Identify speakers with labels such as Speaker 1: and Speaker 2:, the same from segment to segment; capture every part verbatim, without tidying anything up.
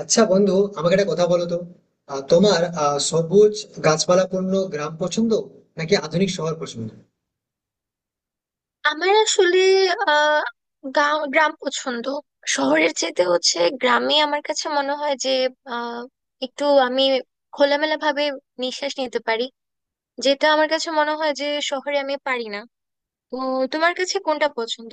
Speaker 1: আচ্ছা বন্ধু, আমাকে একটা কথা বলো তো। আহ, তোমার আহ, সবুজ গাছপালাপূর্ণ গ্রাম পছন্দ নাকি আধুনিক শহর পছন্দ?
Speaker 2: আমার আসলে আহ গা- গ্রাম পছন্দ। শহরের চেয়ে হচ্ছে গ্রামে আমার কাছে মনে হয় যে আহ একটু আমি খোলামেলা ভাবে নিঃশ্বাস নিতে পারি, যেটা আমার কাছে মনে হয় যে শহরে আমি পারি না। তো তোমার কাছে কোনটা পছন্দ?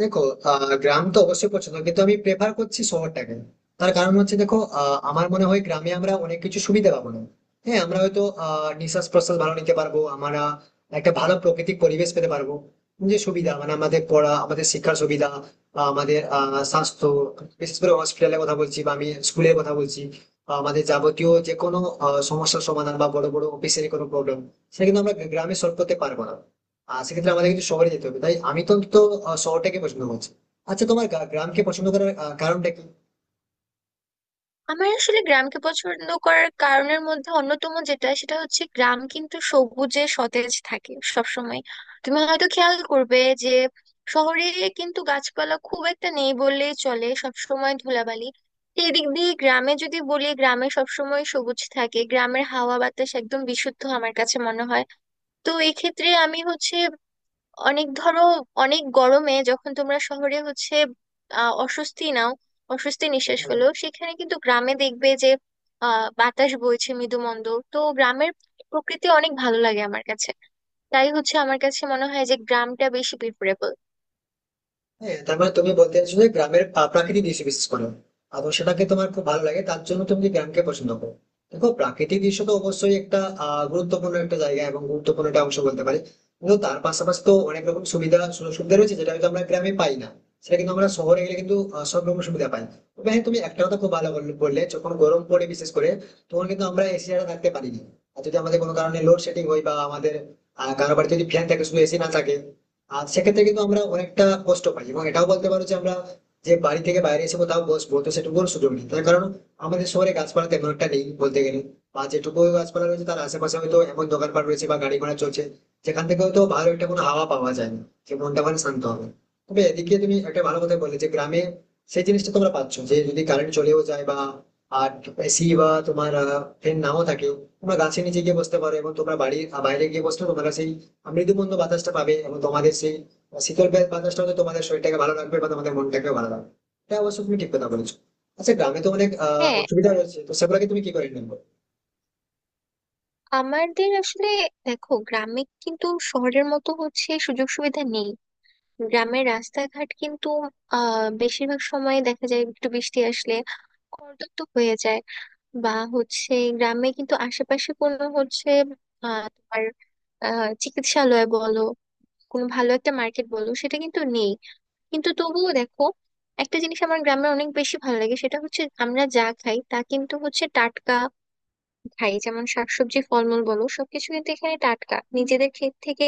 Speaker 1: দেখো, আহ, গ্রাম তো অবশ্যই পছন্দ, কিন্তু আমি প্রেফার করছি শহরটাকে। তার কারণ হচ্ছে দেখো, আহ, আমার মনে হয় গ্রামে আমরা অনেক কিছু সুবিধা পাবো না। হ্যাঁ, আমরা হয়তো আহ নিঃশ্বাস প্রশ্বাস ভালো নিতে পারবো আমরা, একটা ভালো প্রাকৃতিক পরিবেশ পেতে পারবো। যে সুবিধা মানে আমাদের পড়া, আমাদের শিক্ষার সুবিধা, বা আমাদের আহ স্বাস্থ্য, বিশেষ করে হসপিটালের কথা বলছি বা আমি স্কুলের কথা বলছি, বা আমাদের যাবতীয় যে কোনো আহ, সমস্যার সমাধান বা বড় বড় অফিসের কোনো প্রবলেম, সেটা কিন্তু আমরা গ্রামে সলভ করতে পারবো না। আহ সেক্ষেত্রে আমাদের কিন্তু শহরে যেতে হবে, তাই আমি তো অন্তত আহ, শহরটাকে পছন্দ করছি। আচ্ছা, তোমার গা- গ্রামকে পছন্দ করার আহ, কারণটা কি?
Speaker 2: আমার আসলে গ্রামকে পছন্দ করার কারণের মধ্যে অন্যতম যেটা, সেটা হচ্ছে গ্রাম কিন্তু সবুজে সতেজ থাকে সবসময়। তুমি হয়তো খেয়াল করবে যে শহরে কিন্তু গাছপালা খুব একটা নেই বললেই চলে, সবসময় ধুলাবালি। এদিক দিয়ে গ্রামে যদি বলি, গ্রামে সবসময় সবুজ থাকে, গ্রামের হাওয়া বাতাস একদম বিশুদ্ধ আমার কাছে মনে হয়। তো এক্ষেত্রে আমি হচ্ছে অনেক ধরো, অনেক গরমে যখন তোমরা শহরে হচ্ছে আহ অস্বস্তি নাও, অস্বস্তি নিঃশ্বাস
Speaker 1: আহ,
Speaker 2: ফেলো, সেখানে কিন্তু গ্রামে দেখবে যে আহ বাতাস বইছে মৃদু মন্দ। তো গ্রামের প্রকৃতি অনেক ভালো লাগে আমার কাছে। তাই হচ্ছে আমার কাছে মনে হয় যে গ্রামটা বেশি প্রিফারেবল।
Speaker 1: হ্যাঁ, তার মানে তুমি বলতে চাইছো যে গ্রামের পা- প্রাকৃতিক দৃশ্য বিশেষ করে, এবং সেটাকে তোমার খুব ভালো লাগে, তার জন্য তুমি গ্রামকে পছন্দ করো। দেখো, প্রাকৃতিক দৃশ্য তো অবশ্যই একটা আহ গুরুত্বপূর্ণ একটা জায়গা এবং গুরুত্বপূর্ণ একটা অংশ বলতে পারি, কিন্তু তার পাশাপাশি তো অনেক রকম সুবিধা, সুযোগ সুবিধা রয়েছে, যেটা হয়তো আমরা গ্রামে পাই না। সেটা কিন্তু আমরা শহরে গেলে কিন্তু আহ, সব রকম সুবিধা পাই। তবে হ্যাঁ, তুমি একটা কথা খুব ভালো বল- বললে, যখন গরম পড়ে বিশেষ করে, তখন কিন্তু আমরা এসি ছাড়া থাকতে পারি না। আর যদি আমাদের কোনো কারণে লোড শেডিং হয় বা আমাদের আহ কারো বাড়িতে যদি ফ্যান থাকে, শুধু এসি না থাকে, আর সেক্ষেত্রে কিন্তু আমরা অনেকটা কষ্ট পাই, এবং এটাও বলতে পারো যে আমরা, যে বাড়ি থেকে বাইরে এসে কোথাও বসবো, তো সেটুকুর সুযোগ নেই, তার কারণ আমাদের শহরে গাছপালা তেমন একটা নেই বলতে গেলে। বা যেটুকু গাছপালা রয়েছে তার আশেপাশে হয়তো এমন দোকানপাট রয়েছে বা গাড়ি ঘোড়া চলছে, যেখান থেকে হয়তো ভালো একটা কোনো হাওয়া পাওয়া যায় না, যে মনটা মানে শান্ত হবে। তবে এদিকে তুমি একটা ভালো কথা বললে যে গ্রামে সেই জিনিসটা তোমরা পাচ্ছ, যে যদি কারেন্ট চলেও যায় বা আর এসি বা তোমার ফ্যান নাও থাকে, তোমরা গাছের নিচে গিয়ে বসতে পারো, এবং তোমরা বাড়ির বাইরে গিয়ে বসলে তোমরা সেই মৃদুমন্দ বাতাসটা পাবে, এবং তোমাদের সেই শীতল বা- বাতাসটা হয়তো তোমাদের শরীরটাকে ভালো রাখবে বা তোমাদের মনটাকে ভালো রাখবে। এটা অবশ্য তুমি ঠিক কথা বলেছো। আচ্ছা, গ্রামে তো অনেক আহ
Speaker 2: হ্যাঁ,
Speaker 1: অসুবিধা রয়েছে, তো সেগুলোকে তুমি কি করে নেবো?
Speaker 2: আমাদের আসলে দেখো গ্রামে কিন্তু শহরের মতো হচ্ছে সুযোগ সুবিধা নেই। গ্রামের রাস্তাঘাট কিন্তু আহ বেশিরভাগ সময় দেখা যায় একটু বৃষ্টি আসলে কর্দমাক্ত হয়ে যায়। বা হচ্ছে গ্রামে কিন্তু আশেপাশে কোনো হচ্ছে আহ, তোমার আহ, চিকিৎসালয় বলো, কোনো ভালো একটা মার্কেট বলো, সেটা কিন্তু নেই। কিন্তু তবুও দেখো, একটা জিনিস আমার গ্রামে অনেক বেশি ভালো লাগে সেটা হচ্ছে আমরা যা খাই তা কিন্তু হচ্ছে টাটকা। খাই যেমন শাকসবজি ফলমূল বলো, সবকিছু কিন্তু এখানে টাটকা, নিজেদের ক্ষেত থেকে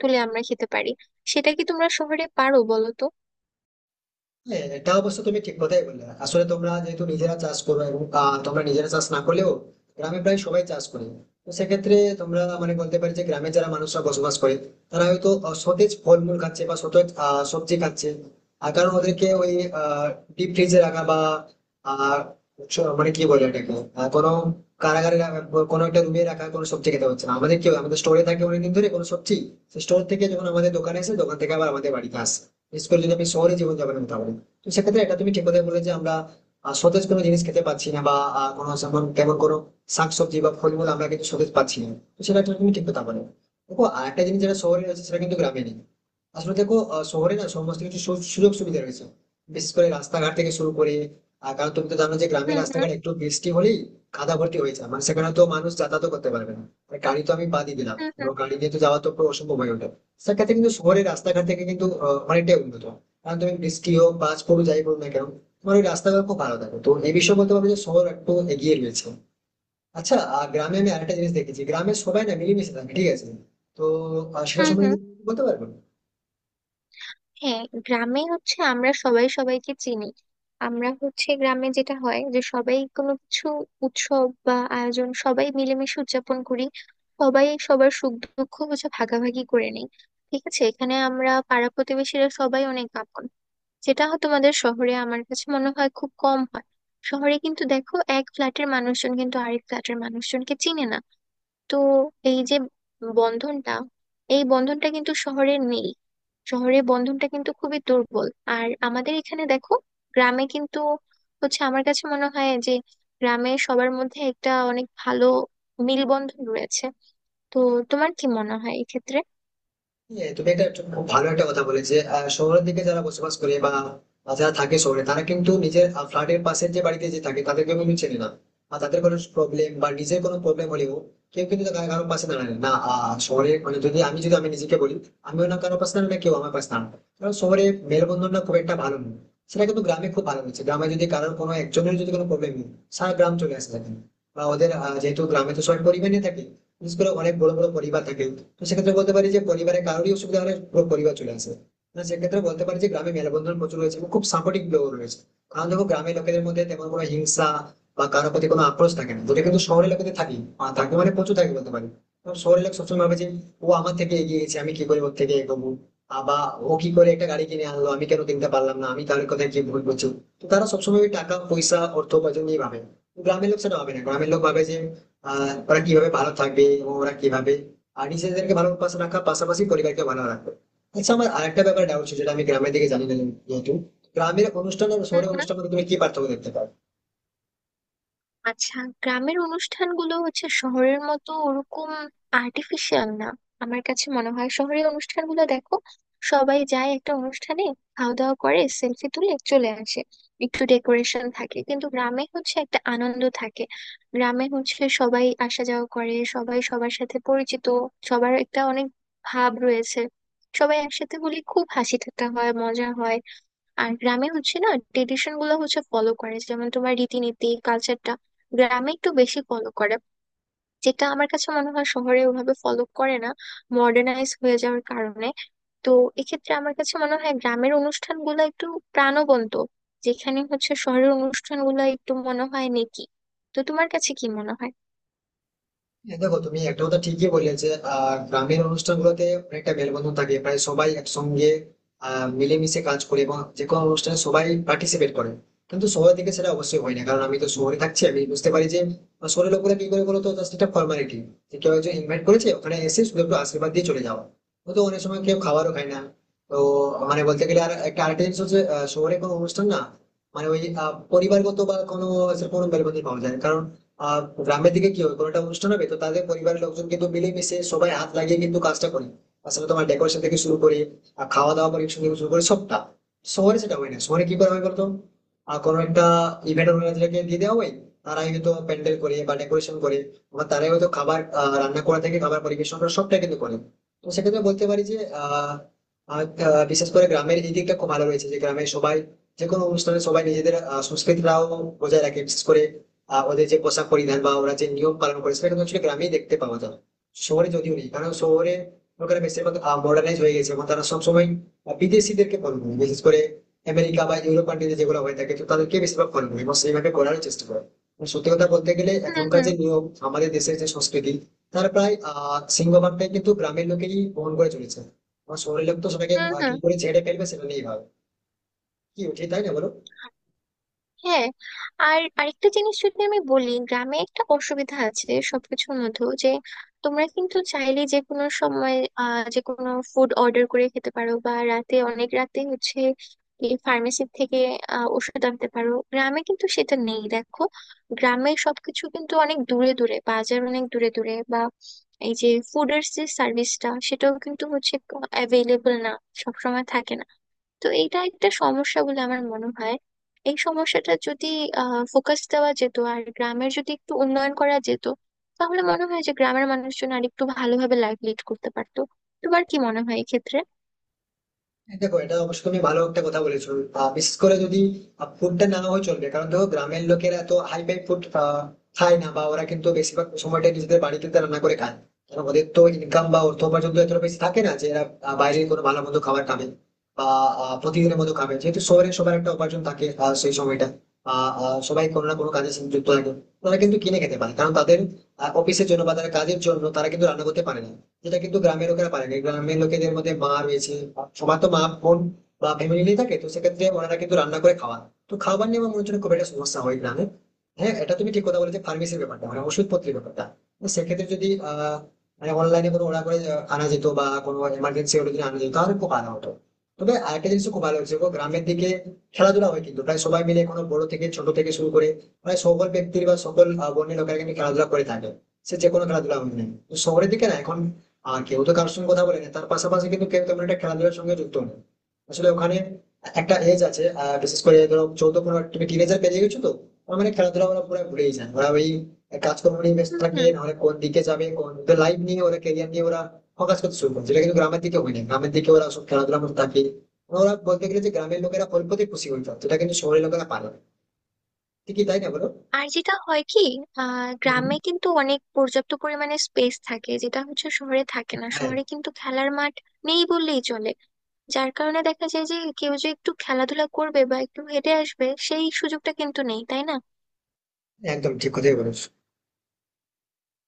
Speaker 2: তুলে আমরা খেতে পারি। সেটা কি তোমরা শহরে পারো বলো তো?
Speaker 1: হ্যাঁ, এটা অবশ্য তুমি ঠিক কথাই বললে। আসলে তোমরা যেহেতু নিজেরা চাষ করো এবং আহ, তোমরা নিজেরা চাষ না করলেও গ্রামে প্রায় সবাই চাষ করে। তো সেক্ষেত্রে তোমরা মানে বলতে পারি যে গ্রামে যারা মানুষরা বসবাস করে, তারা হয়তো আহ, সতেজ ফলমূল খাচ্ছে বা সতেজ আহ, সবজি খাচ্ছে। আর কারণ ওদেরকে ওই ডিপ ফ্রিজে রাখা বা আহ, চ- মানে কি বলে এটাকে, আহ, কোনো কারাগারে রাখা, কোনো একটা রুমে রাখা কোনো সবজি খেতে হচ্ছে না। আমাদের কি হয়, আমাদের স্টোরে থাকে অনেকদিন ধরে কোনো সবজি, সেই স্টোর থেকে যখন আমাদের দোকানে আসে, দোকান থেকে আবার আমাদের বাড়িতে আসে। বিশেষ করে যদি আমি শহরে জীবনযাপনের কথা বলি, তো সেক্ষেত্রে এটা তুমি ঠিক কথাই বলে যে আমরা আহ, সতেজ কোনো জিনিস খেতে পাচ্ছি না, বা আহ, কোনো যেমন তেমন কোনো শাকসবজি বা ফলমূল আমরা কিন্তু সতেজ পাচ্ছি না। তো সেটা একটা তুমি ঠিক কথা বলে। দেখো, আরেকটা জিনিস যেটা শহরে রয়েছে সেটা কিন্তু গ্রামে নেই। আসলে দেখো, আহ, শহরে না সমস্ত কিছু সু- সুযোগ সুবিধা রয়েছে, বিশেষ করে রাস্তাঘাট থেকে শুরু করে। আহ, কারণ তুমি তো জানো যে গ্রামের
Speaker 2: হুম, হুম।
Speaker 1: রাস্তাঘাট একটু বৃষ্টি হলেই কাদা ভর্তি হয়ে যায়, মানে সেখানে তো মানুষ যাতায়াত করতে পারবে না। আর গাড়ি তো আমি বাদই দিলাম,
Speaker 2: হুম, হুম।
Speaker 1: কারণ গাড়ি নিয়ে তো যাওয়া তো পুরো অসম্ভব হয়ে ওঠে। সেক্ষেত্রে কিন্তু শহরের রাস্তাঘাট থেকে কিন্তু আহ, অনেকটাই উন্নত, কারণ তুমি বৃষ্টি হোক, বাজ পড়ুক, যাই পড়ুক না কেন, তোমার ওই রাস্তাঘাট খুব ভালো থাকে। তো এই বিষয়ে বলতে পারবো যে শহর একটু এগিয়ে রয়েছে। আচ্ছা, আর গ্রামে আমি আরেকটা জিনিস দেখেছি, গ্রামে সবাই না মিলেমিশে থাকে, ঠিক আছে। তো আহ, সেটা
Speaker 2: হুম,
Speaker 1: সম্বন্ধে
Speaker 2: হুম।
Speaker 1: কি বলতে পারবেন?
Speaker 2: হ্যাঁ, গ্রামে হচ্ছে আমরা সবাই সবাইকে চিনি। আমরা হচ্ছে গ্রামে যেটা হয় যে সবাই কোনো কিছু উৎসব বা আয়োজন সবাই মিলেমিশে উদযাপন করি। সবাই সবার সুখ দুঃখ হচ্ছে ভাগাভাগি করে নিই। ঠিক আছে, এখানে আমরা পাড়া প্রতিবেশীরা সবাই অনেক আপন, যেটা হয়তো তোমাদের শহরে আমার কাছে মনে হয় খুব কম হয়। শহরে কিন্তু দেখো এক ফ্ল্যাটের মানুষজন কিন্তু আরেক ফ্ল্যাটের মানুষজনকে চিনে না। তো এই যে বন্ধনটা, এই বন্ধনটা কিন্তু শহরে নেই। শহরের বন্ধনটা কিন্তু খুবই দুর্বল। আর আমাদের এখানে দেখো, গ্রামে কিন্তু হচ্ছে আমার কাছে মনে হয় যে গ্রামে সবার মধ্যে একটা অনেক ভালো মেলবন্ধন রয়েছে। তো তোমার কি মনে হয় এক্ষেত্রে?
Speaker 1: হ্যাঁ, তুমি এটা একটা খুব ভালো একটা কথা বলে যে আহ, শহরের দিকে যারা বসবাস করে বা যারা থাকে শহরে, তারা কিন্তু নিজের ফ্ল্যাটের পাশের যে বাড়িতে যে থাকে তাদেরকে কিন্তু চেনে না। আর তাদের কোনো প্রবলেম বা নিজের কোনো প্রবলেম হলেও কেউ কিন্তু কারো কারো পাশে দাঁড়ায় না, না, আহ, শহরে মানে যদি আমি যদি আমি নিজেকে বলি, আমিও না কারো পাশে দাঁড়াই না, কেউ আমার পাশে দাঁড়ায় না। কারণ শহরে মেলবন্ধনটা খুব একটা ভালো নয়। সেটা কিন্তু গ্রামে খুব ভালো, হচ্ছে গ্রামে যদি কারোর কোনো একজনের যদি কোনো প্রবলেম নেই, সারা গ্রাম চলে আসে সেখানে। বা ওদের আহ, যেহেতু গ্রামে তো সবাই পরিবার নিয়ে থাকে, বিশেষ করে অনেক বড় বড় পরিবার থাকে, তো সেক্ষেত্রে বলতে পারি যে পরিবারে কারোরই অসুবিধা হলে পুরো পরিবার চলে আসে। মানে সেক্ষেত্রে বলতে পারি যে গ্রামে মেলবন্ধন প্রচুর রয়েছে এবং খুব সাপোর্টিভ লোক রয়েছে। কারণ দেখো, গ্রামের লোকেদের মধ্যে তেমন কোনো হিংসা বা কারোর প্রতি কোনো আক্রোশ থাকে না, যেটা কিন্তু শহরের লোকেদের থাকি, আহ, থাকে মানে প্রচুর থাকে বলতে পারি। কারণ শহরের লোক সবসময় ভাবে যে ও আমার থেকে এগিয়ে গেছে, আমি কি করে ওর থেকে এগোবো, আহ, বা ও কি করে একটা গাড়ি কিনে আনলো, আমি কেন কিনতে পারলাম না, আমি তার কথা কি ভুল করছি। তো তারা সবসময় ওই টাকা পয়সা, অর্থ উপার্জন নিয়ে ভাবে। গ্রামের লোক সেটা ভাবে না, গ্রামের লোক ভাবে যে আহ ওরা কিভাবে ভালো থাকবে এবং ওরা কিভাবে আর নিজেদেরকে ভালো অভ্যাস রাখার পাশাপাশি পরিবারকে ভালো রাখবে। আচ্ছা, আমার আরেকটা ব্যাপার ডাউট ছিল, যেটা আমি গ্রামের দিকে জানি না। যেহেতু গ্রামের অনুষ্ঠান আর শহরের অনুষ্ঠানের মধ্যে তুমি কি পার্থক্য দেখতে পাও?
Speaker 2: আচ্ছা, গ্রামের অনুষ্ঠানগুলো হচ্ছে শহরের মতো ওরকম আর্টিফিশিয়াল না। আমার কাছে মনে হয় শহরের অনুষ্ঠানগুলো দেখো, সবাই যায় একটা অনুষ্ঠানে, খাওয়া দাওয়া করে সেলফি তুলে চলে আসে, একটু ডেকোরেশন থাকে। কিন্তু গ্রামে হচ্ছে একটা আনন্দ থাকে। গ্রামে হচ্ছে সবাই আসা যাওয়া করে, সবাই সবার সাথে পরিচিত, সবার একটা অনেক ভাব রয়েছে। সবাই একসাথে হলে খুব হাসি ঠাট্টা হয়, মজা হয়। আর গ্রামে হচ্ছে না ট্রেডিশন গুলো হচ্ছে ফলো করে, যেমন তোমার রীতিনীতি কালচারটা গ্রামে একটু বেশি ফলো করে, যেটা আমার কাছে মনে হয় শহরে ওভাবে ফলো করে না, মডার্নাইজ হয়ে যাওয়ার কারণে। তো এক্ষেত্রে আমার কাছে মনে হয় গ্রামের অনুষ্ঠানগুলো একটু প্রাণবন্ত, যেখানে হচ্ছে শহরের অনুষ্ঠানগুলো একটু মনে হয় নেকি। তো তোমার কাছে কি মনে হয়?
Speaker 1: হ্যাঁ, দেখো, তুমি একটা কথা ঠিকই বললে যে আহ, গ্রামের অনুষ্ঠানগুলোতে অনেকটা মেলবন্ধন থাকে, প্রায় সবাই একসঙ্গে আহ, মিলেমিশে কাজ করে, এবং যে কোনো অনুষ্ঠানে সবাই পার্টিসিপেট করে। কিন্তু শহরের দিকে সেটা অবশ্যই হয় না, কারণ আমি তো শহরে থাকছি, আমি বুঝতে পারি যে আহ, শহরের লোকেরা কি করে বলতো, জাস্ট একটা ফর্মালিটি, যে কেউ একজন ইনভাইট করেছে, ওখানে এসে শুধু একটু আশীর্বাদ দিয়ে চলে যাওয়া। ও তো অনেক সময় কেউ খাবারও খায় না। তো মানে বলতে গেলে আর একটা আরেকটা জিনিস হচ্ছে, আহ, শহরে কোনো অনুষ্ঠান না, মানে ওই আহ, পরিবারগত বা কোনো সেরকম কোনো মেলবন্ধন পাওয়া যায় না। কারণ আহ গ্রামের দিকে কি হয়, কোনো একটা অনুষ্ঠান হবে তো তাদের পরিবারের লোকজন কিন্তু মিলেমিশে সবাই হাত লাগিয়ে কিন্তু কাজটা করে। আসলে তোমার ডেকোরেশন থেকে শুরু করে, আর খাওয়া দাওয়া পরিবেশন থেকে শুরু করে সবটা। শহরে সেটা হয় না, শহরে কি করা হয় বলতো, আর কোনো একটা ইভেন্ট অর্গানাইজারকে দিয়ে দেওয়া হয়। তারাই হয়তো প্যান্ডেল করে বা ডেকোরেশন করে, আবার তারাই হয়তো খাবার আহ, রান্না করা থেকে খাবার পরিবেশন করা সবটাই কিন্তু করে। তো সেক্ষেত্রে বলতে পারি যে আহ আর, আহ, বিশেষ করে গ্রামের এই দিকটা খুব ভালো রয়েছে যে গ্রামে সবাই, যে কোনো অনুষ্ঠানে সবাই নিজেদের আহ, সংস্কৃতিটাও বজায় রাখে, বিশেষ করে আহ, ওদের যে পোশাক পরিধান বা ওরা যে নিয়ম পালন করে, সেটা কিন্তু actually গ্রামেই দেখতে পাওয়া যায়। শহরে যদিও নেই, কারণ শহরে লোকেরা বেশিরভাগ মডার্নাইজ হয়ে গেছে, এবং তারা সবসময় বিদেশিদেরকে ফলো করে, বিশেষ করে আমেরিকা বা ইউরোপ কান্ট্রিতে যেগুলো হয়ে থাকে তো তাদেরকে বেশিরভাগ ফলো করে এবং সেইভাবে করার চেষ্টা করে। এবং সত্যি কথা বলতে গেলে
Speaker 2: হুম,
Speaker 1: এখনকার
Speaker 2: হুম।
Speaker 1: যে নিয়ম, আমাদের দেশের যে সংস্কৃতি, তার প্রায় আহ সিংহভাগটাই কিন্তু গ্রামের লোকেরই বহন করে চলেছে। আমার শহরের লোক তো সবাইকে
Speaker 2: হুম,
Speaker 1: আহ,
Speaker 2: হুম।
Speaker 1: কি করে ছেড়ে ফেলবে সেটা নিয়ে ভাবে। কি উঠে, তাই না বলো?
Speaker 2: হ্যাঁ, আর আরেকটা জিনিস যদি আমি বলি, গ্রামে একটা অসুবিধা আছে সবকিছুর মধ্যেও, যে তোমরা কিন্তু চাইলে যে কোনো সময় আহ যে কোনো ফুড অর্ডার করে খেতে পারো, বা রাতে অনেক রাতে হচ্ছে ফার্মেসি থেকে আহ, ওষুধ আনতে পারো, গ্রামে কিন্তু সেটা নেই দেখো। গ্রামে সবকিছু কিন্তু অনেক দূরে দূরে, বাজার অনেক দূরে দূরে, বা এই যে ফুডের যে সার্ভিসটা, সেটাও কিন্তু হচ্ছে অ্যাভেলেবল না, সবসময় থাকে না। তো এইটা একটা সমস্যা বলে আমার মনে হয়। এই সমস্যাটা যদি আহ ফোকাস দেওয়া যেত আর গ্রামের যদি একটু উন্নয়ন করা যেত, তাহলে মনে হয় যে গ্রামের মানুষজন আর একটু ভালোভাবে লাইফ লিড করতে পারতো। তোমার কি মনে হয় এক্ষেত্রে?
Speaker 1: দেখো, এটা অবশ্যই তুমি ভালো একটা কথা বলেছো। আহ, বিশেষ করে যদি ফুডটা না হয় চলবে, কারণ দেখো গ্রামের লোকেরা তো হাই ফাই ফুড খায় না, বা ওরা কিন্তু বেশিরভাগ সময়টা নিজেদের বাড়িতে তারা রান্না করে খায়। কারণ ওদের তো ইনকাম বা অর্থ উপার্জন তো এতটা বেশি থাকে না যে এরা আহ, বাইরে কোনো ভালো মন্দ খাবার খাবে, বা আহ, প্রতিদিনের মতো খাবে। যেহেতু শহরে সবার একটা উপার্জন থাকে, আহ, সেই সময়টা আহ, আহ, সবাই কোনো না কোনো কাজের সাথে যুক্ত থাকে। তারা কিন্তু কিনে খেতে পারে, কারণ তাদের অফিসের জন্য বা তাদের কাজের জন্য তারা কিন্তু রান্না করতে পারে না, যেটা কিন্তু গ্রামের লোকেরা পারে না। গ্রামের লোকেদের মধ্যে মা রয়েছে, সবার তো মা বোন বা ফ্যামিলি থাকে, তো সেক্ষেত্রে ওনারা কিন্তু রান্না করে খাওয়া। তো খাবার নিয়ে আমার মনে হচ্ছে না খুব একটা সমস্যা হয় গ্রামে। হ্যাঁ, এটা তুমি ঠিক কথা বলেছো, ফার্মেসির ব্যাপারটা, মানে ওষুধপত্রের ব্যাপারটা। তো সেক্ষেত্রে যদি আহ মানে অনলাইনে কোনো অর্ডার করে আহ, আনা যেত বা কোনো এমার্জেন্সি হলে যদি আনা যেত, তাহলে খুব ভালো হতো। তবে আরেকটা জিনিস খুব ভালো হয়েছে গো, গ্রামের দিকে খেলাধুলা হয় কিন্তু প্রায় সবাই মিলে, কোনো বড় থেকে ছোট থেকে শুরু করে প্রায় সকল ব্যক্তির বা সকল আহ, বর্ণের লোকেরা কিন্তু খেলাধুলা করে থাকে, সে যে কোনো খেলাধুলা হোক না কেন। তো শহরের দিকে না এখন আহ কেউ তো কারোর সঙ্গে কথা বলেনি, তার পাশাপাশি কিন্তু কেউ তেমন একটা খেলাধুলার সঙ্গে যুক্ত নেই। আসলে ওখানে একটা এজ আছে, আহ বিশেষ করে ধরো চৌদ্দ পনেরো, তুমি টিনেজার পেরিয়ে গেছো তো, ওরা মানে খেলাধুলা ওরা পুরো ভুলেই যায়, ওরা ওই কাজকর্ম নিয়ে ব্যস্ত
Speaker 2: হুম,
Speaker 1: থাকে,
Speaker 2: হুম।
Speaker 1: নাহলে কোন দিকে যাবে, কোন লাইফ নিয়ে ওরা, কেরিয়ার নিয়ে ওরা ফোকাস করতে শুরু করে, যেটা কিন্তু গ্রামের দিকে হয় না, গ্রামের দিকে ওরা সব খেলাধুলার মধ্যে থাকে। ওরা বলতে গেলে যে গ্রামের লোকেরা অল্পতেই খুশি হয়ে যায়, যেটা কিন্তু শহরের লোকেরা পারে না। ঠিকই, তাই না বলো?
Speaker 2: আর যেটা হয় কি, আহ
Speaker 1: হুম।
Speaker 2: গ্রামে কিন্তু অনেক পর্যাপ্ত পরিমাণে স্পেস থাকে, যেটা হচ্ছে শহরে থাকে না।
Speaker 1: হ্যাঁ,
Speaker 2: শহরে কিন্তু খেলার মাঠ নেই বললেই চলে, যার কারণে দেখা যায় যে কেউ যে একটু খেলাধুলা করবে বা একটু হেঁটে আসবে, সেই সুযোগটা কিন্তু নেই, তাই না?
Speaker 1: একদম ঠিক কথাই বলেছো।